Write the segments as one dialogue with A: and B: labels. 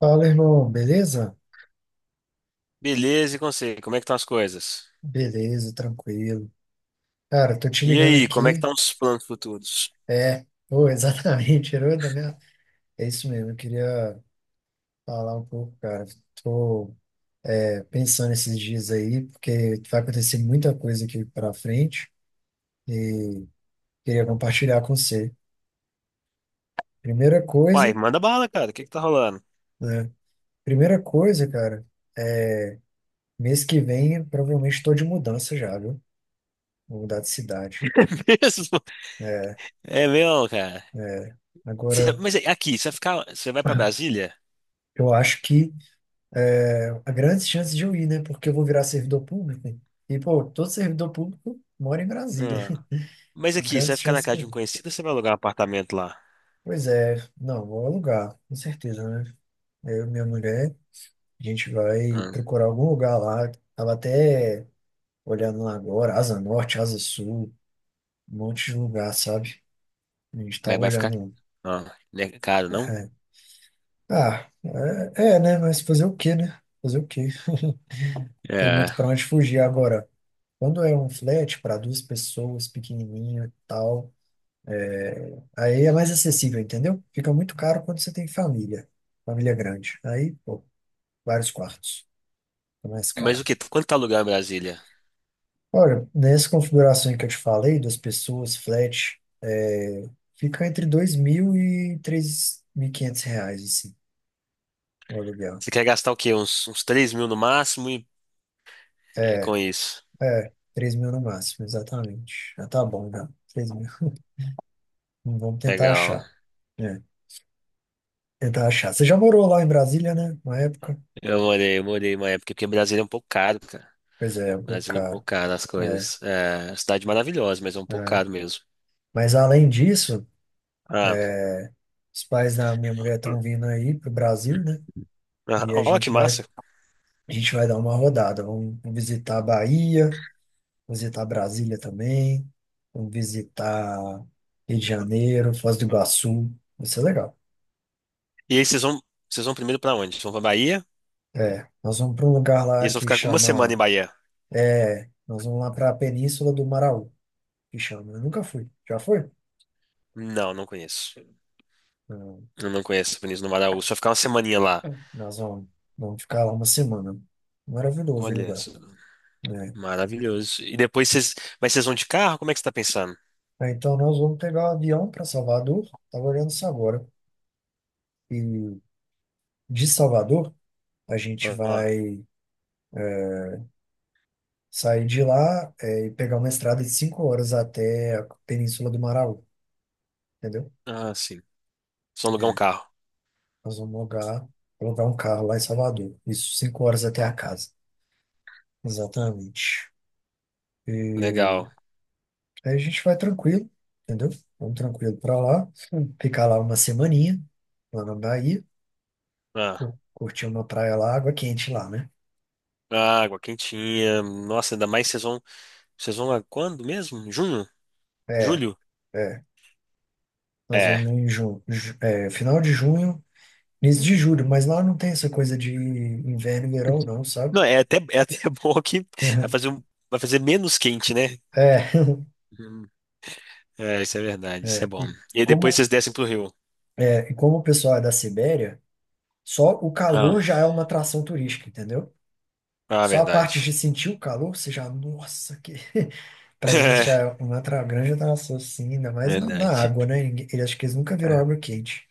A: Fala, irmão, beleza?
B: Beleza, e com você? Como é que estão as coisas?
A: Beleza, tranquilo. Cara, tô te
B: E
A: ligando
B: aí, como é que
A: aqui.
B: estão os planos futuros?
A: É, pô, exatamente, herói da minha. É isso mesmo, eu queria falar um pouco, cara. Tô pensando esses dias aí, porque vai acontecer muita coisa aqui pra frente e queria compartilhar com você. Primeira coisa,
B: Uai, manda bala, cara. O que que tá rolando?
A: né? Primeira coisa, cara, mês que vem eu provavelmente tô de mudança já, viu? Vou mudar de cidade.
B: É mesmo? É mesmo, cara.
A: Agora,
B: Mas é, aqui, você vai ficar, você vai pra Brasília?
A: eu acho que é a grande chance de eu ir, né? Porque eu vou virar servidor público. E, pô, todo servidor público mora em Brasília.
B: Ah, mas
A: Então,
B: aqui, você vai
A: grandes
B: ficar na
A: chances
B: casa
A: que.
B: de um conhecido ou você vai alugar um apartamento lá?
A: Pois é, não, vou alugar, com certeza, né? Eu e minha mulher, a gente vai
B: Ah,
A: procurar algum lugar lá. Tava até olhando lá agora, Asa Norte, Asa Sul, um monte de lugar, sabe? A gente tava
B: mas vai ficar,
A: olhando.
B: ah, né, caro, não?
A: Ah, é, é, né? Mas fazer o quê, né? Fazer o quê? Tem
B: É.
A: muito pra onde fugir agora. Quando é um flat para duas pessoas, pequenininho e tal. Aí é mais acessível, entendeu? Fica muito caro quando você tem família, família grande. Aí, pô, vários quartos, é mais
B: Mas
A: caro.
B: o que? Quanto tá alugar em Brasília?
A: Olha, nessa configuração que eu te falei, das pessoas, flat, fica entre 2.000 e R$ 3.500, assim, o aluguel.
B: Você quer gastar o quê? Uns 3 mil no máximo, e é
A: É,
B: com isso.
A: é, 3.000 no máximo, exatamente. Já tá bom, já. 3.000. Vamos tentar
B: Legal.
A: achar. É, tentar achar. Você já morou lá em Brasília, né? Uma época?
B: Eu morei uma época, porque Brasília é um pouco caro, cara.
A: Pois é, é muito
B: Brasília é um
A: caro.
B: pouco caro as
A: É,
B: coisas. É, cidade maravilhosa, mas é um pouco
A: é.
B: caro mesmo.
A: Mas além disso,
B: Ah,
A: É, os pais da minha mulher estão vindo aí pro Brasil, né?
B: ah,
A: E a
B: ó, que
A: gente vai,
B: massa.
A: a gente vai dar uma rodada. Vamos visitar a Bahia, visitar Brasília também, vamos visitar Rio de Janeiro, Foz do Iguaçu. Vai ser legal.
B: E aí vocês vão primeiro pra onde? Vocês vão pra Bahia?
A: É, nós vamos para um lugar
B: E
A: lá
B: eles vão
A: que
B: ficar uma semana em
A: chama.
B: Bahia?
A: É, nós vamos lá para a Península do Maraú, que chama. Eu nunca fui. Já foi?
B: Não, não conheço.
A: Não.
B: Eu não conheço Vinícius do Maraú. Só ficar uma semaninha lá.
A: Nós vamos ficar lá uma semana. Maravilhoso o
B: Olha,
A: lugar.
B: isso,
A: Né?
B: maravilhoso. E depois vocês, mas vocês vão de carro? Como é que você tá pensando?
A: Então, nós vamos pegar o avião para Salvador. Estava olhando isso agora. E de Salvador, a gente
B: Ah,
A: vai é, sair de lá, e pegar uma estrada de 5 horas até a Península do Maraú, entendeu?
B: ah, sim. Vocês vão alugar um carro.
A: Nós vamos alugar um carro lá em Salvador. Isso, 5 horas até a casa. Exatamente.
B: Legal.
A: Aí a gente vai tranquilo, entendeu? Vamos tranquilo para lá. Sim. Ficar lá uma semaninha, lá na Bahia.
B: Ah,
A: Curtir uma praia lá, água quente lá, né?
B: água quentinha. Nossa, ainda mais vocês vão a quando mesmo? Junho?
A: É,
B: Julho?
A: é. Nós
B: É.
A: vamos em junho, final de junho, início de julho, mas lá não tem essa coisa de inverno e verão, não, sabe?
B: Não, é até bom que vai fazer, um- vai fazer menos quente, né?
A: É,
B: Hum. É, isso é verdade, isso é
A: é,
B: bom.
A: e
B: E aí depois
A: como,
B: vocês descem pro rio.
A: e como o pessoal é da Sibéria, só o
B: Ah,
A: calor já é uma atração turística, entendeu?
B: ah,
A: Só a parte
B: verdade.
A: de sentir o calor, você já, nossa, que para eles já é uma grande atração, sim, ainda
B: É,
A: mais na
B: verdade.
A: água, né? Eles acho que eles nunca viram
B: É.
A: água quente.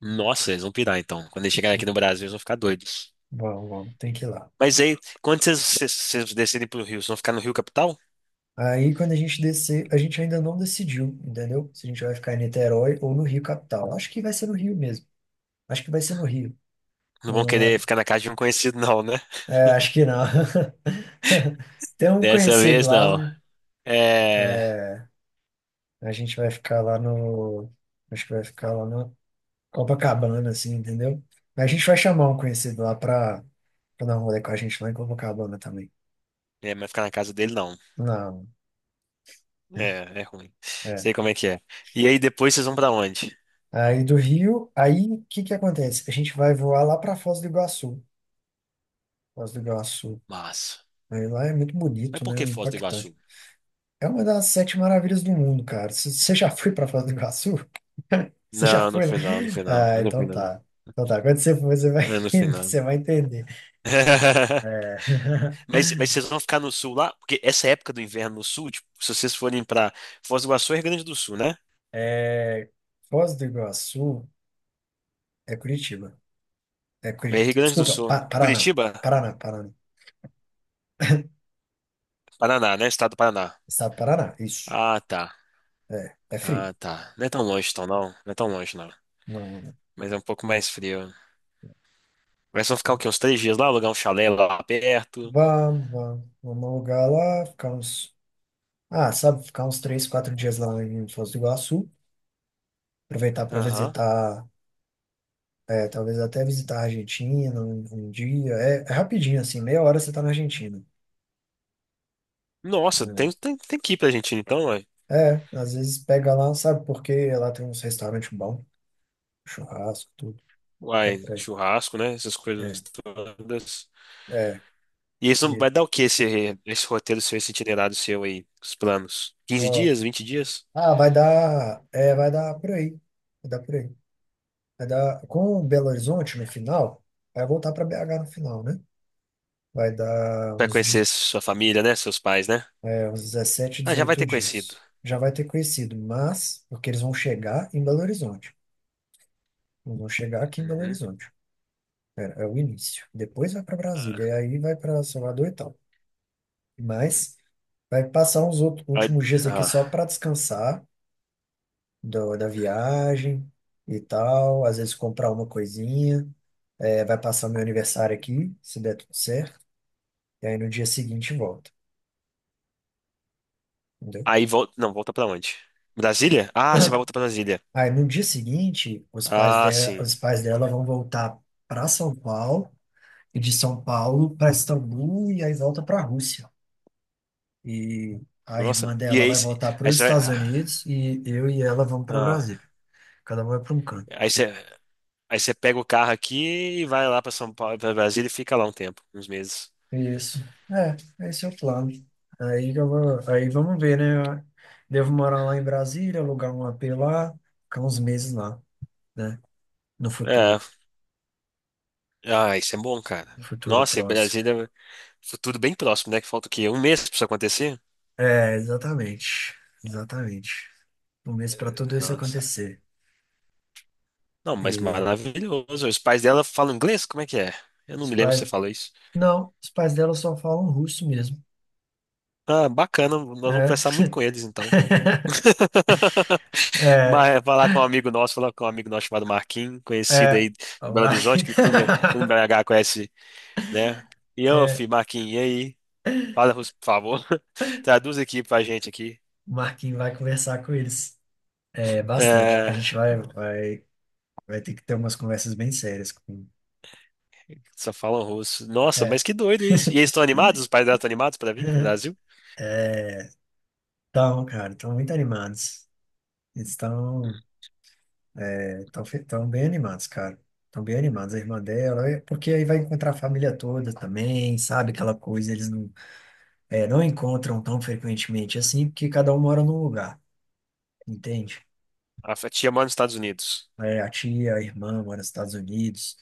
B: Nossa, eles vão pirar então. Quando eles chegarem
A: É,
B: aqui no Brasil, eles vão ficar doidos.
A: vamos, vamos, tem que ir lá.
B: Mas aí, quando vocês descerem pro rio, vocês vão ficar no Rio Capital?
A: Aí, quando a gente descer, a gente ainda não decidiu, entendeu? Se a gente vai ficar em Niterói ou no Rio capital. Acho que vai ser no Rio mesmo. Acho que vai ser no Rio.
B: Não vão querer
A: Não,
B: ficar na casa de um conhecido, não, né?
A: acho que não. Tem um
B: Dessa
A: conhecido
B: vez,
A: lá,
B: não.
A: mas
B: É.
A: a gente vai ficar lá no. Acho que vai ficar lá no Copacabana, assim, entendeu? Mas a gente vai chamar um conhecido lá pra dar um rolê com a gente lá em Copacabana também.
B: É, mas ficar na casa dele, não.
A: Não, né?
B: É, é ruim.
A: É.
B: Sei como é que é. E aí depois vocês vão pra onde?
A: Aí do Rio, aí o que que acontece? A gente vai voar lá para Foz do Iguaçu. Foz do Iguaçu.
B: Massa.
A: Aí lá é muito
B: Mas
A: bonito,
B: por que
A: né?
B: Foz do Iguaçu?
A: Impactante. É uma das sete maravilhas do mundo, cara. Você já foi para Foz do Iguaçu? Você já
B: Não, no
A: foi lá?
B: final, no final.
A: Ah,
B: No
A: então
B: final, não.
A: tá. Então tá. Quando você for, você vai
B: É no
A: entender.
B: final.
A: Você vai entender. É,
B: Mas vocês vão ficar no sul lá? Porque essa época do inverno no sul, tipo, se vocês forem pra Foz do Iguaçu, é Rio Grande do Sul, né?
A: é, Foz do Iguaçu é Curitiba. É
B: É Rio
A: Curitiba.
B: Grande do
A: Desculpa,
B: Sul.
A: Paraná.
B: Curitiba,
A: Paraná, Paraná.
B: Paraná, né? Estado do Paraná.
A: Estado do Paraná, isso.
B: Ah, tá.
A: É, é frio.
B: Ah, tá. Não é tão longe, então, não. Não é tão longe, não.
A: Não, não,
B: Mas é um pouco mais frio. Mas vão ficar
A: não.
B: o quê? Uns três dias lá, alugar um chalé lá perto.
A: Vamos, vamos. Vamos alugar lá, ficar uns. Ah, sabe, ficar uns 3, 4 dias lá em Foz do Iguaçu. Aproveitar para
B: Aham.
A: visitar, talvez até visitar a Argentina um dia. É, é rapidinho, assim, meia hora você tá na Argentina,
B: Nossa,
A: né?
B: tem que ir pra Argentina, então, uai.
A: É, às vezes pega lá, sabe, porque lá tem uns restaurantes bons, churrasco, tudo. Dá
B: Uai,
A: pra ir.
B: churrasco, né? Essas coisas
A: É,
B: todas.
A: é.
B: E isso
A: E,
B: vai dar o que esse roteiro seu, esse itinerário seu aí, os planos? Quinze
A: ó,
B: dias, 20 dias?
A: ah, vai dar por aí. Vai dar por aí. Vai dar, com Belo Horizonte no final, vai voltar para BH no final, né? Vai dar
B: Vai
A: uns
B: conhecer sua família, né? Seus pais, né?
A: É, uns 17,
B: Ah, já vai
A: 18
B: ter conhecido.
A: dias. Já vai ter conhecido, mas porque eles vão chegar em Belo Horizonte. Eles vão chegar aqui em Belo
B: Uhum.
A: Horizonte. É, é o início. Depois vai para Brasília, e
B: Ah,
A: aí vai para Salvador e tal. Mas vai passar uns outros,
B: aí,
A: últimos dias aqui
B: ah,
A: só para descansar da viagem e tal. Às vezes comprar uma coisinha. É, vai passar meu aniversário aqui, se der tudo certo. E aí no dia seguinte volta. Entendeu?
B: aí volta. Não, volta pra onde? Brasília? Ah, você vai voltar pra Brasília.
A: Aí no dia seguinte, os pais
B: Ah,
A: dela,
B: sim.
A: os pais dela vão voltar para São Paulo e de São Paulo para Istambul e aí volta para a Rússia. E a
B: Nossa.
A: irmã
B: E
A: dela
B: aí,
A: vai voltar para
B: aí
A: os
B: você vai.
A: Estados
B: Ah,
A: Unidos e eu e ela vamos para
B: ah,
A: Brasília. Cada um vai para um canto.
B: aí você, aí você pega o carro aqui e vai lá pra São Paulo, pra Brasília e fica lá um tempo, uns meses.
A: Isso. Esse é o plano. Aí vamos ver, né? Devo morar lá em Brasília, alugar um apê lá, ficar uns meses lá, né? No
B: É.
A: futuro,
B: Ah, isso é bom, cara.
A: no futuro
B: Nossa, e
A: próximo.
B: Brasília. Futuro bem próximo, né? Que falta o quê? Um mês pra isso acontecer?
A: É, exatamente. Exatamente. Um mês para tudo isso
B: Nossa.
A: acontecer.
B: Não, mas
A: E
B: maravilhoso. Os pais dela falam inglês? Como é que é? Eu não
A: os
B: me lembro se você
A: pais.
B: falou isso.
A: Não, os pais dela só falam russo mesmo.
B: Ah, bacana. Nós vamos
A: É.
B: conversar muito com eles, então.
A: É,
B: Mas é falar com um amigo nosso, falar com um amigo nosso chamado Marquinhos, conhecido
A: é.
B: aí de
A: O
B: Belo
A: Mar...
B: Horizonte, que todo em BH conhece, né? E eu,
A: é,
B: Marquinhos, e aí? Fala, por favor. Traduz aqui pra gente aqui.
A: o Marquinhos vai conversar com eles. É, bastante. A
B: É,
A: gente vai, vai, vai ter que ter umas conversas bem sérias com.
B: só falam russo. Nossa, mas
A: É,
B: que doido isso. E eles estão animados? Os pais dela estão animados para vir pro Brasil?
A: então, cara, estão muito animados. Eles estão. Estão bem animados, cara. Estão bem animados. A irmã dela, porque aí vai encontrar a família toda também, sabe? Aquela coisa, eles não, não encontram tão frequentemente assim, porque cada um mora num lugar, entende?
B: Tia mora nos Estados Unidos.
A: É, a tia, a irmã mora nos Estados Unidos,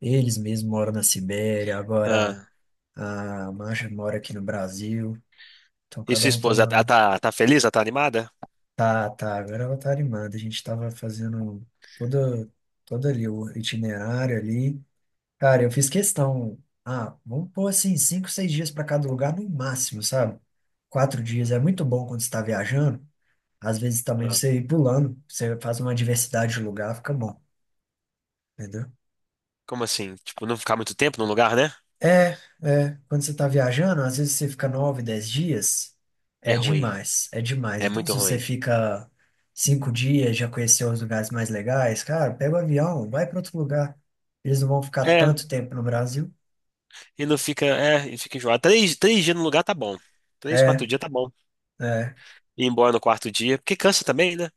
A: eles mesmos moram na Sibéria, agora
B: Ah,
A: a Masha mora aqui no Brasil, então
B: e sua
A: cada um tá
B: esposa,
A: morando.
B: ela tá feliz? Ela tá animada?
A: Tá, tá, agora ela tá animada. A gente tava fazendo toda, todo ali o itinerário ali. Cara, eu fiz questão. Ah, vamos pôr assim, 5, 6 dias para cada lugar no máximo, sabe? 4 dias é muito bom quando você está viajando. Às vezes também
B: Ah,
A: você ir pulando, você faz uma diversidade de lugar, fica bom, entendeu?
B: como assim? Tipo, não ficar muito tempo num lugar, né?
A: É, é. Quando você está viajando, às vezes você fica 9, 10 dias,
B: É
A: é
B: ruim.
A: demais, é demais.
B: É
A: Então,
B: muito
A: se você
B: ruim.
A: fica 5 dias, já conheceu os lugares mais legais, cara, pega o avião, vai para outro lugar. Eles não vão ficar
B: É,
A: tanto tempo no Brasil.
B: e não fica, é, e fica enjoado. Três dias no lugar tá bom. Três,
A: É,
B: quatro dias tá bom.
A: é.
B: Ir embora no quarto dia, porque cansa também, né?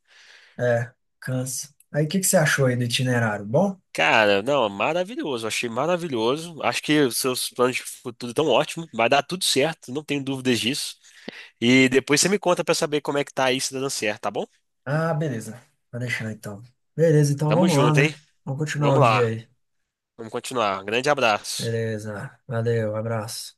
A: É, cansa. Aí, o que que você achou aí do itinerário? Bom?
B: Cara, não, maravilhoso. Achei maravilhoso. Acho que os seus planos de futuro estão ótimos. Vai dar tudo certo, não tenho dúvidas disso. E depois você me conta pra saber como é que tá aí, se tá dando certo, tá bom?
A: Ah, beleza. Vai deixar então. Beleza, então
B: Tamo
A: vamos lá,
B: junto, hein?
A: né? Vamos continuar o
B: Vamos
A: dia
B: lá,
A: aí.
B: vamos continuar. Grande abraço.
A: Beleza. Valeu, abraço.